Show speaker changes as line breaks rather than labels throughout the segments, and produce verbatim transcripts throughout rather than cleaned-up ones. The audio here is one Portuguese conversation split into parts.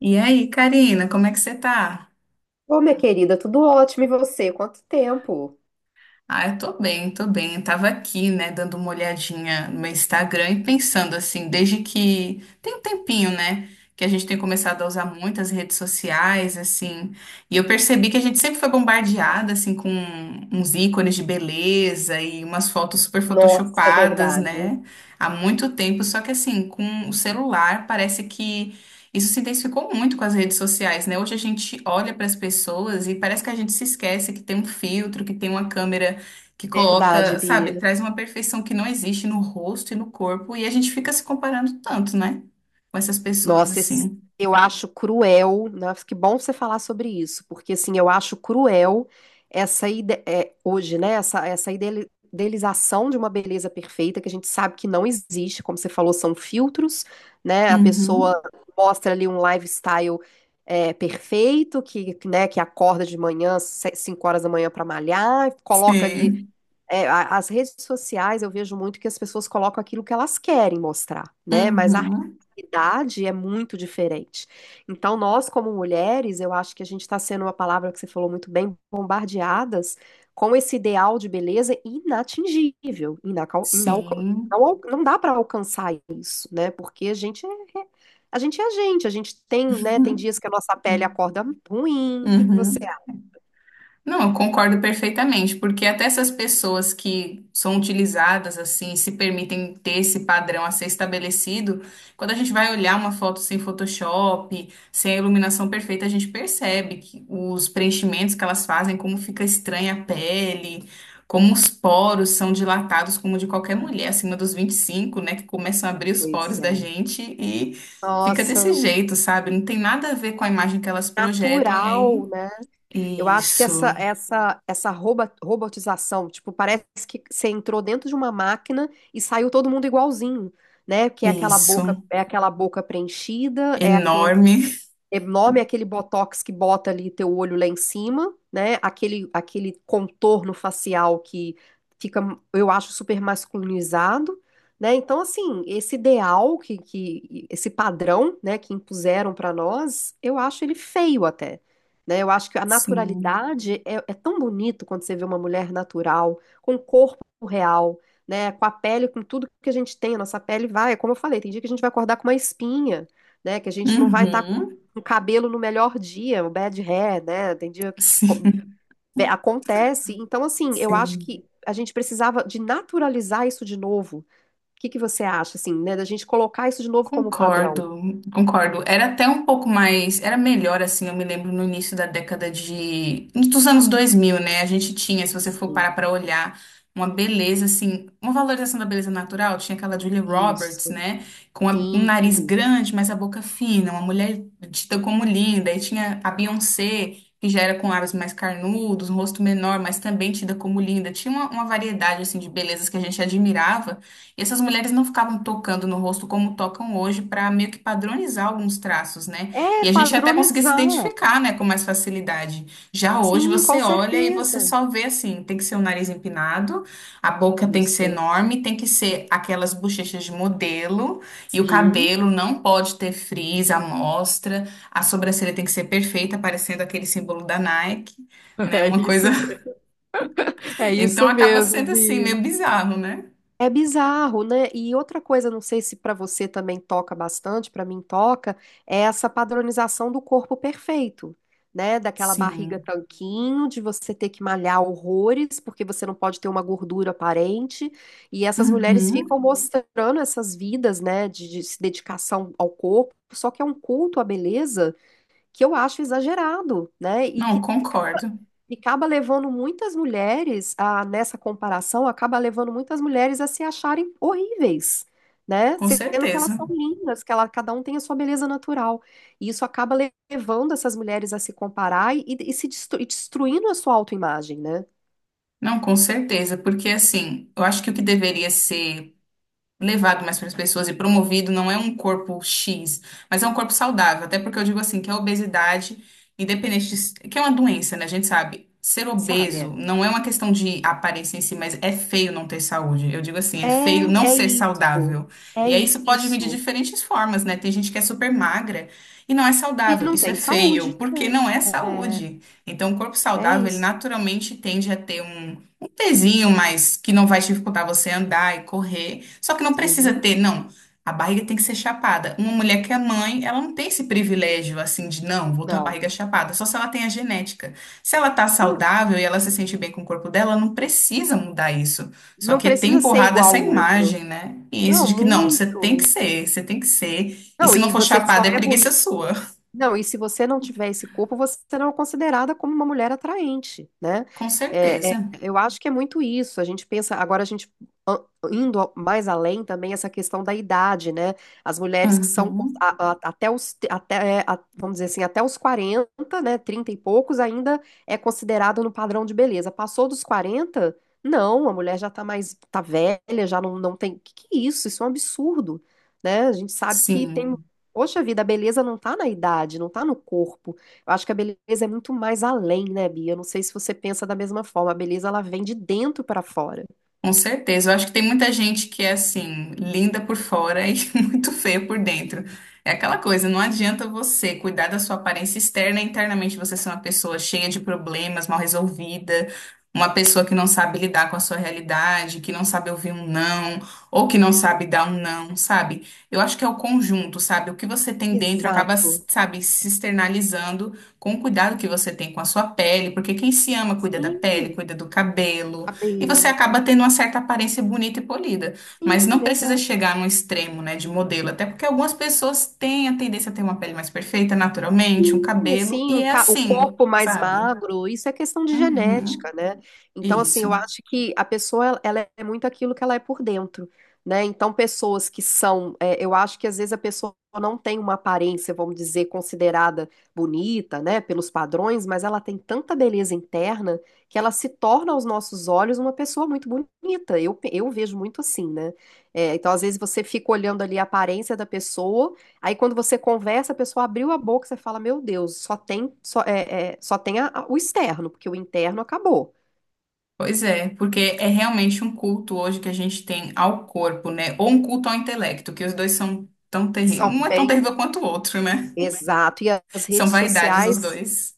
E aí, Karina, como é que você tá?
Ô, minha querida, tudo ótimo e você? Quanto tempo?
Ah, eu tô bem, tô bem. Eu tava aqui, né, dando uma olhadinha no meu Instagram e pensando assim, desde que tem um tempinho, né, que a gente tem começado a usar muitas redes sociais, assim, e eu percebi que a gente sempre foi bombardeada, assim, com uns ícones de beleza e umas fotos super
Nossa, é
photoshopadas,
verdade.
né, há muito tempo. Só que, assim, com o celular, parece que. Isso se intensificou muito com as redes sociais, né? Hoje a gente olha para as pessoas e parece que a gente se esquece que tem um filtro, que tem uma câmera que
Verdade,
coloca, sabe,
Bia.
traz uma perfeição que não existe no rosto e no corpo, e a gente fica se comparando tanto, né? Com essas pessoas,
Nossa, esse-
assim.
eu acho cruel, né? Que bom você falar sobre isso, porque assim, eu acho cruel essa ide- é, hoje, né? Essa, essa idele- idealização de uma beleza perfeita que a gente sabe que não existe, como você falou, são filtros, né? A pessoa
Uhum.
mostra ali um lifestyle é, perfeito, que, né, que acorda de manhã, se- cinco horas da manhã para malhar, coloca ali.
Sim.
É, a- as redes sociais eu vejo muito que as pessoas colocam aquilo que elas querem mostrar, né? Mas a
Uhum.
realidade é muito diferente. Então, nós, como mulheres, eu acho que a gente está sendo uma palavra que você falou muito bem, bombardeadas com esse ideal de beleza inatingível, inacal, inalca-
Sim.
não, al- não dá para alcançar isso, né? Porque a gente é, é- a gente é a gente, a gente tem, né? Tem
Uhum.
dias que a nossa pele acorda ruim. O que que você
Uhum. Não, eu concordo perfeitamente, porque até essas pessoas que são utilizadas assim, se permitem ter esse padrão a ser estabelecido, quando a gente vai olhar uma foto sem Photoshop, sem a iluminação perfeita, a gente percebe que os preenchimentos que elas fazem, como fica estranha a pele, como os poros são dilatados, como de qualquer
acha?
mulher acima dos vinte e cinco, né, que começam a abrir os poros
Pois
da
é.
gente e fica desse
Nossa,
jeito, sabe? Não tem nada a ver com a imagem que elas projetam e aí.
natural, né? Eu acho que essa
Isso.
essa essa roba- robotização, tipo, parece que você entrou dentro de uma máquina e saiu todo mundo igualzinho, né? Que é aquela
Isso,
boca, é aquela boca preenchida, é
enorme.
enorme. É aquele botox que bota ali teu olho lá em cima, né? Aquele, aquele contorno facial que fica, eu acho, super masculinizado, né? Então, assim, esse ideal que, que esse padrão, né, que impuseram para nós, eu acho ele feio até, né? Eu acho que a
Sim.
naturalidade é, é tão bonito quando você vê uma mulher natural, com corpo real, né? Com a pele, com tudo que a gente tem, a nossa pele vai, como eu falei, tem dia que a gente vai acordar com uma espinha, né, que a gente não vai estar
Uhum.
o cabelo no melhor dia, o bad hair, né? Tem dia que co-
Sim,
ve- acontece. Então, assim, eu acho
sim.
que a gente precisava de naturalizar isso de novo. O que que você acha, assim, né? Da gente colocar isso de novo como padrão.
Concordo, concordo. Era até um pouco mais, era melhor assim, eu me lembro no início da década de, dos anos dois mil, né? A gente tinha, se você for
Assim.
parar para olhar, uma beleza assim, uma valorização da beleza natural, tinha aquela Julia Roberts,
Isso,
né? Com a- um nariz
sim.
grande, mas a boca fina, uma mulher dita como linda, e tinha a Beyoncé, que já era com lábios mais carnudos, um rosto menor, mas também tida como linda. Tinha uma, uma variedade assim de belezas que a gente admirava. Essas mulheres não ficavam tocando no rosto como tocam hoje para meio que padronizar alguns traços, né?
É,
E a gente até conseguia se
padronizar.
identificar, né, com mais facilidade. Já hoje
Sim,
você
com
olha e você
certeza.
só vê assim, tem que ser o nariz empinado, a boca tem que ser
Isso.
enorme, tem que ser aquelas bochechas de modelo e o
Sim.
cabelo não pode ter frizz, amostra, a sobrancelha tem que ser perfeita, parecendo aquele símbolo da Nike, né?
É
Uma coisa.
isso, é
Então
isso
acaba
mesmo,
sendo assim
Bia.
meio bizarro, né?
É bizarro, né? E outra coisa, não sei se para você também toca bastante, para mim toca, é essa padronização do corpo perfeito, né? Daquela barriga
Sim.
tanquinho, de você ter que malhar horrores, porque você não pode ter uma gordura aparente. E essas mulheres
Uhum.
ficam mostrando essas vidas, né, de, de dedicação ao corpo, só que é um culto à beleza que eu acho exagerado, né? E
Não,
que
concordo,
e acaba levando muitas mulheres, a, nessa comparação, acaba levando muitas mulheres a se acharem horríveis, né?
com
Sendo que elas
certeza.
são lindas, que ela, cada um tem a sua beleza natural. E isso acaba le- levando essas mulheres a se comparar e, e se destru- e destruindo a sua autoimagem, né?
Não, com certeza, porque assim, eu acho que o que deveria ser levado mais para as pessoas e promovido, não é um corpo X, mas é um corpo saudável. Até porque eu digo assim, que a obesidade, independente de, s- que é uma doença, né? A gente sabe. Ser obeso
Sabe?
não é uma questão de aparência em si, mas é feio não ter saúde. Eu digo assim, é feio não
É, é
ser
isso.
saudável.
É
E aí isso pode vir de
isso.
diferentes formas, né? Tem gente que é super magra e não é
E
saudável.
não
Isso é
tem
feio,
saúde.
porque não é
É, é
saúde. Então, o corpo
é
saudável, ele
isso.
naturalmente tende a ter um pezinho, mas que não vai dificultar você andar e correr. Só que não precisa
Sim,
ter, não. A barriga tem que ser chapada. Uma mulher que é mãe, ela não tem esse privilégio assim de não, vou ter uma
não.
barriga chapada, só se ela tem a genética. Se ela tá
Não,
saudável e ela se sente bem com o corpo dela, ela não precisa mudar isso. Só
não
que tem
precisa ser
empurrado
igual
essa
ao outro.
imagem, né? E isso
Não,
de que não, você tem que
muito.
ser, você tem que ser. E
Não,
se não
e
for
você só
chapada, é
é
preguiça
bonita.
sua.
Não, e se você não tiver esse corpo, você não é considerada como uma mulher atraente, né?
Com
É, é,
certeza.
eu acho que é muito isso. A gente pensa, agora a gente a- indo ao- mais além também essa questão da idade, né? As mulheres que são
Uhum.
a- a- até os te- até, é, a- vamos dizer assim, até os quarenta, né? Trinta e poucos ainda é considerado no padrão de beleza. Passou dos quarenta não, a mulher já tá mais tá velha, já não, não tem. Que que é isso? Isso é um absurdo, né? A gente sabe que tem
Sim.
Poxa vida, a beleza não tá na idade, não tá no corpo. Eu acho que a beleza é muito mais além, né, Bia? Eu não sei se você pensa da mesma forma. A beleza, ela vem de dentro pra fora.
Com certeza. Eu acho que tem muita gente que é assim, linda por fora e muito feia por dentro. É aquela coisa, não adianta você cuidar da sua aparência externa, e internamente você ser uma pessoa cheia de problemas, mal resolvida, uma pessoa que não sabe lidar com a sua realidade, que não sabe ouvir um não, ou que não sabe dar um não, sabe? Eu acho que é o conjunto, sabe? O que você tem dentro acaba,
Exato.
sabe, se externalizando com o cuidado que você tem com a sua pele, porque quem se ama cuida da pele,
Sim,
cuida do cabelo e você
cabelo.
acaba tendo uma certa aparência bonita e polida, mas não
Sim,
precisa
exato.
chegar num extremo, né, de modelo, até porque algumas pessoas têm a tendência a ter uma pele mais perfeita naturalmente, um
Sim,
cabelo,
assim,
e
um
é
ca- o
assim,
corpo mais
sabe?
magro, isso é questão de
Uhum,
genética, né? Então, assim,
isso.
eu acho que a pessoa, ela ela é muito aquilo que ela é por dentro, né? Então, pessoas que são, é, eu acho que às vezes a pessoa não tem uma aparência, vamos dizer, considerada bonita, né, pelos padrões, mas ela tem tanta beleza interna que ela se torna aos nossos olhos uma pessoa muito bonita. Eu, pe- eu vejo muito assim, né? É, então, às vezes você fica olhando ali a aparência da pessoa. Aí quando você conversa, a pessoa abriu a boca, você fala, meu Deus, só tem, só, é, é, só tem a- a- o externo, porque o interno acabou.
Pois é, porque é realmente um culto hoje que a gente tem ao corpo, né? Ou um culto ao intelecto, que os dois são tão terríveis.
São
Um é tão
bem,
terrível quanto o outro, né?
exato. E as
São
redes
vaidades os
sociais
dois.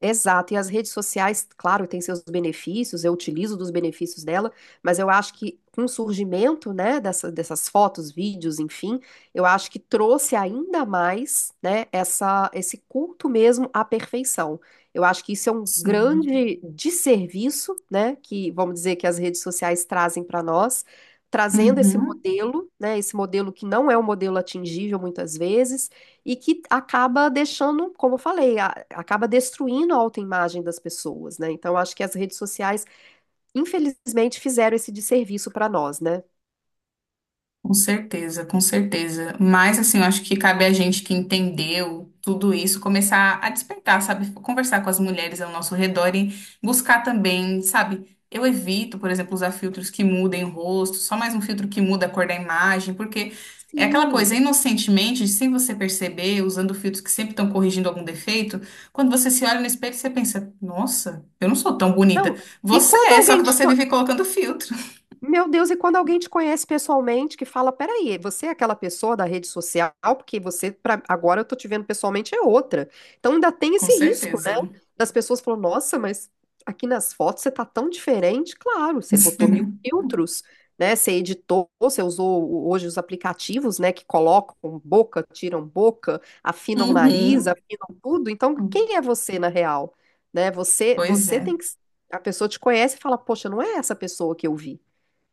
Exato, e as redes sociais, claro, têm seus benefícios, eu utilizo dos benefícios dela, mas eu acho que com o surgimento, né, dessa- dessas fotos, vídeos, enfim, eu acho que trouxe ainda mais, né, essa, esse culto mesmo à perfeição. Eu acho que isso é um
Sim.
grande desserviço, né, que vamos dizer que as redes sociais trazem para nós, trazendo esse
Uhum.
modelo, né, esse modelo que não é um modelo atingível muitas vezes e que acaba deixando, como eu falei, a- acaba destruindo a autoimagem das pessoas, né? Então, acho que as redes sociais, infelizmente, fizeram esse desserviço para nós, né?
Com certeza, com certeza. Mas, assim, eu acho que cabe a gente que entendeu tudo isso começar a despertar, sabe? Conversar com as mulheres ao nosso redor e buscar também, sabe? Eu evito, por exemplo, usar filtros que mudem o rosto, só mais um filtro que muda a cor da imagem, porque é aquela
Sim.
coisa, inocentemente, sem você perceber, usando filtros que sempre estão corrigindo algum defeito, quando você se olha no espelho, você pensa: nossa, eu não sou tão bonita.
Não. E
Você
quando
é, só
alguém
que
te
você vive colocando filtro.
Meu Deus, e quando alguém te conhece pessoalmente, que fala, peraí, você é aquela pessoa da rede social, porque você, pra, agora eu tô te vendo pessoalmente, é outra. Então ainda tem
Com
esse risco, né?
certeza.
Das pessoas falam, nossa, mas aqui nas fotos você tá tão diferente. Claro, você botou mil filtros, né? Você editou, você usou o- hoje os aplicativos, né? Que colocam boca, tiram boca, afinam o nariz,
Uhum.
afinam tudo. Então, quem é você na real? Né? Você,
Pois
você
é.
tem que. A pessoa te conhece e fala, poxa, não é essa pessoa que eu vi.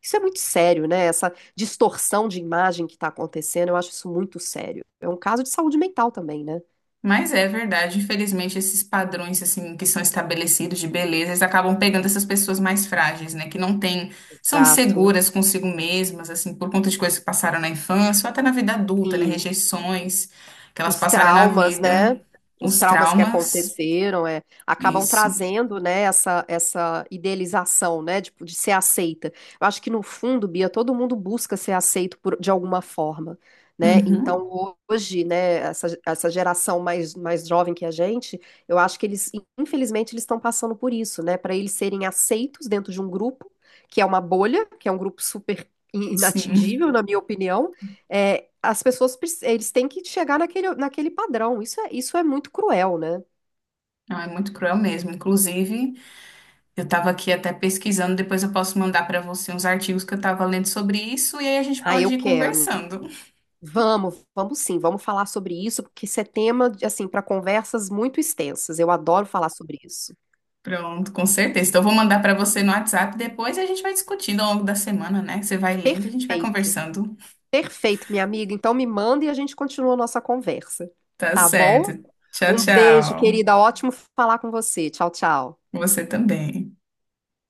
Isso é muito sério, né? Essa distorção de imagem que está acontecendo, eu acho isso muito sério. É um caso de saúde mental também, né?
Mas é verdade, infelizmente esses padrões assim que são estabelecidos de beleza, eles acabam pegando essas pessoas mais frágeis, né, que não têm, são
Exato.
inseguras consigo mesmas, assim, por conta de coisas que passaram na infância ou até na vida adulta, né,
Sim.
rejeições que elas
Os
passaram na
traumas,
vida,
né? Os
os
traumas que
traumas,
aconteceram, é, acabam
isso.
trazendo, né, essa, essa idealização, né, de, de ser aceita. Eu acho que no fundo, Bia, todo mundo busca ser aceito por- de alguma forma, né?
Uhum.
Então hoje, né, essa, essa geração mais, mais jovem que a gente, eu acho que eles, infelizmente, eles estão passando por isso, né? Para eles serem aceitos dentro de um grupo que é uma bolha, que é um grupo super
Sim,
inatingível, na minha opinião é, as pessoas prec- eles têm que chegar naquele, naquele padrão. Isso é, isso é muito cruel, né?
não, é muito cruel mesmo. Inclusive, eu estava aqui até pesquisando, depois eu posso mandar para você uns artigos que eu estava lendo sobre isso e aí a gente
Ah, eu
pode ir
quero.
conversando.
Vamos, vamos sim, vamos falar sobre isso, porque isso é tema, de, assim, para conversas muito extensas. Eu adoro falar sobre isso.
Pronto, com certeza. Então, eu vou mandar para você no WhatsApp depois e a gente vai discutindo ao longo da semana, né? Você vai lendo, a gente vai
Perfeito,
conversando.
perfeito, minha amiga. Então me manda e a gente continua a nossa conversa,
Tá
tá bom?
certo. Tchau,
Um beijo,
tchau.
querida. Ótimo falar com você. Tchau, tchau.
Você também.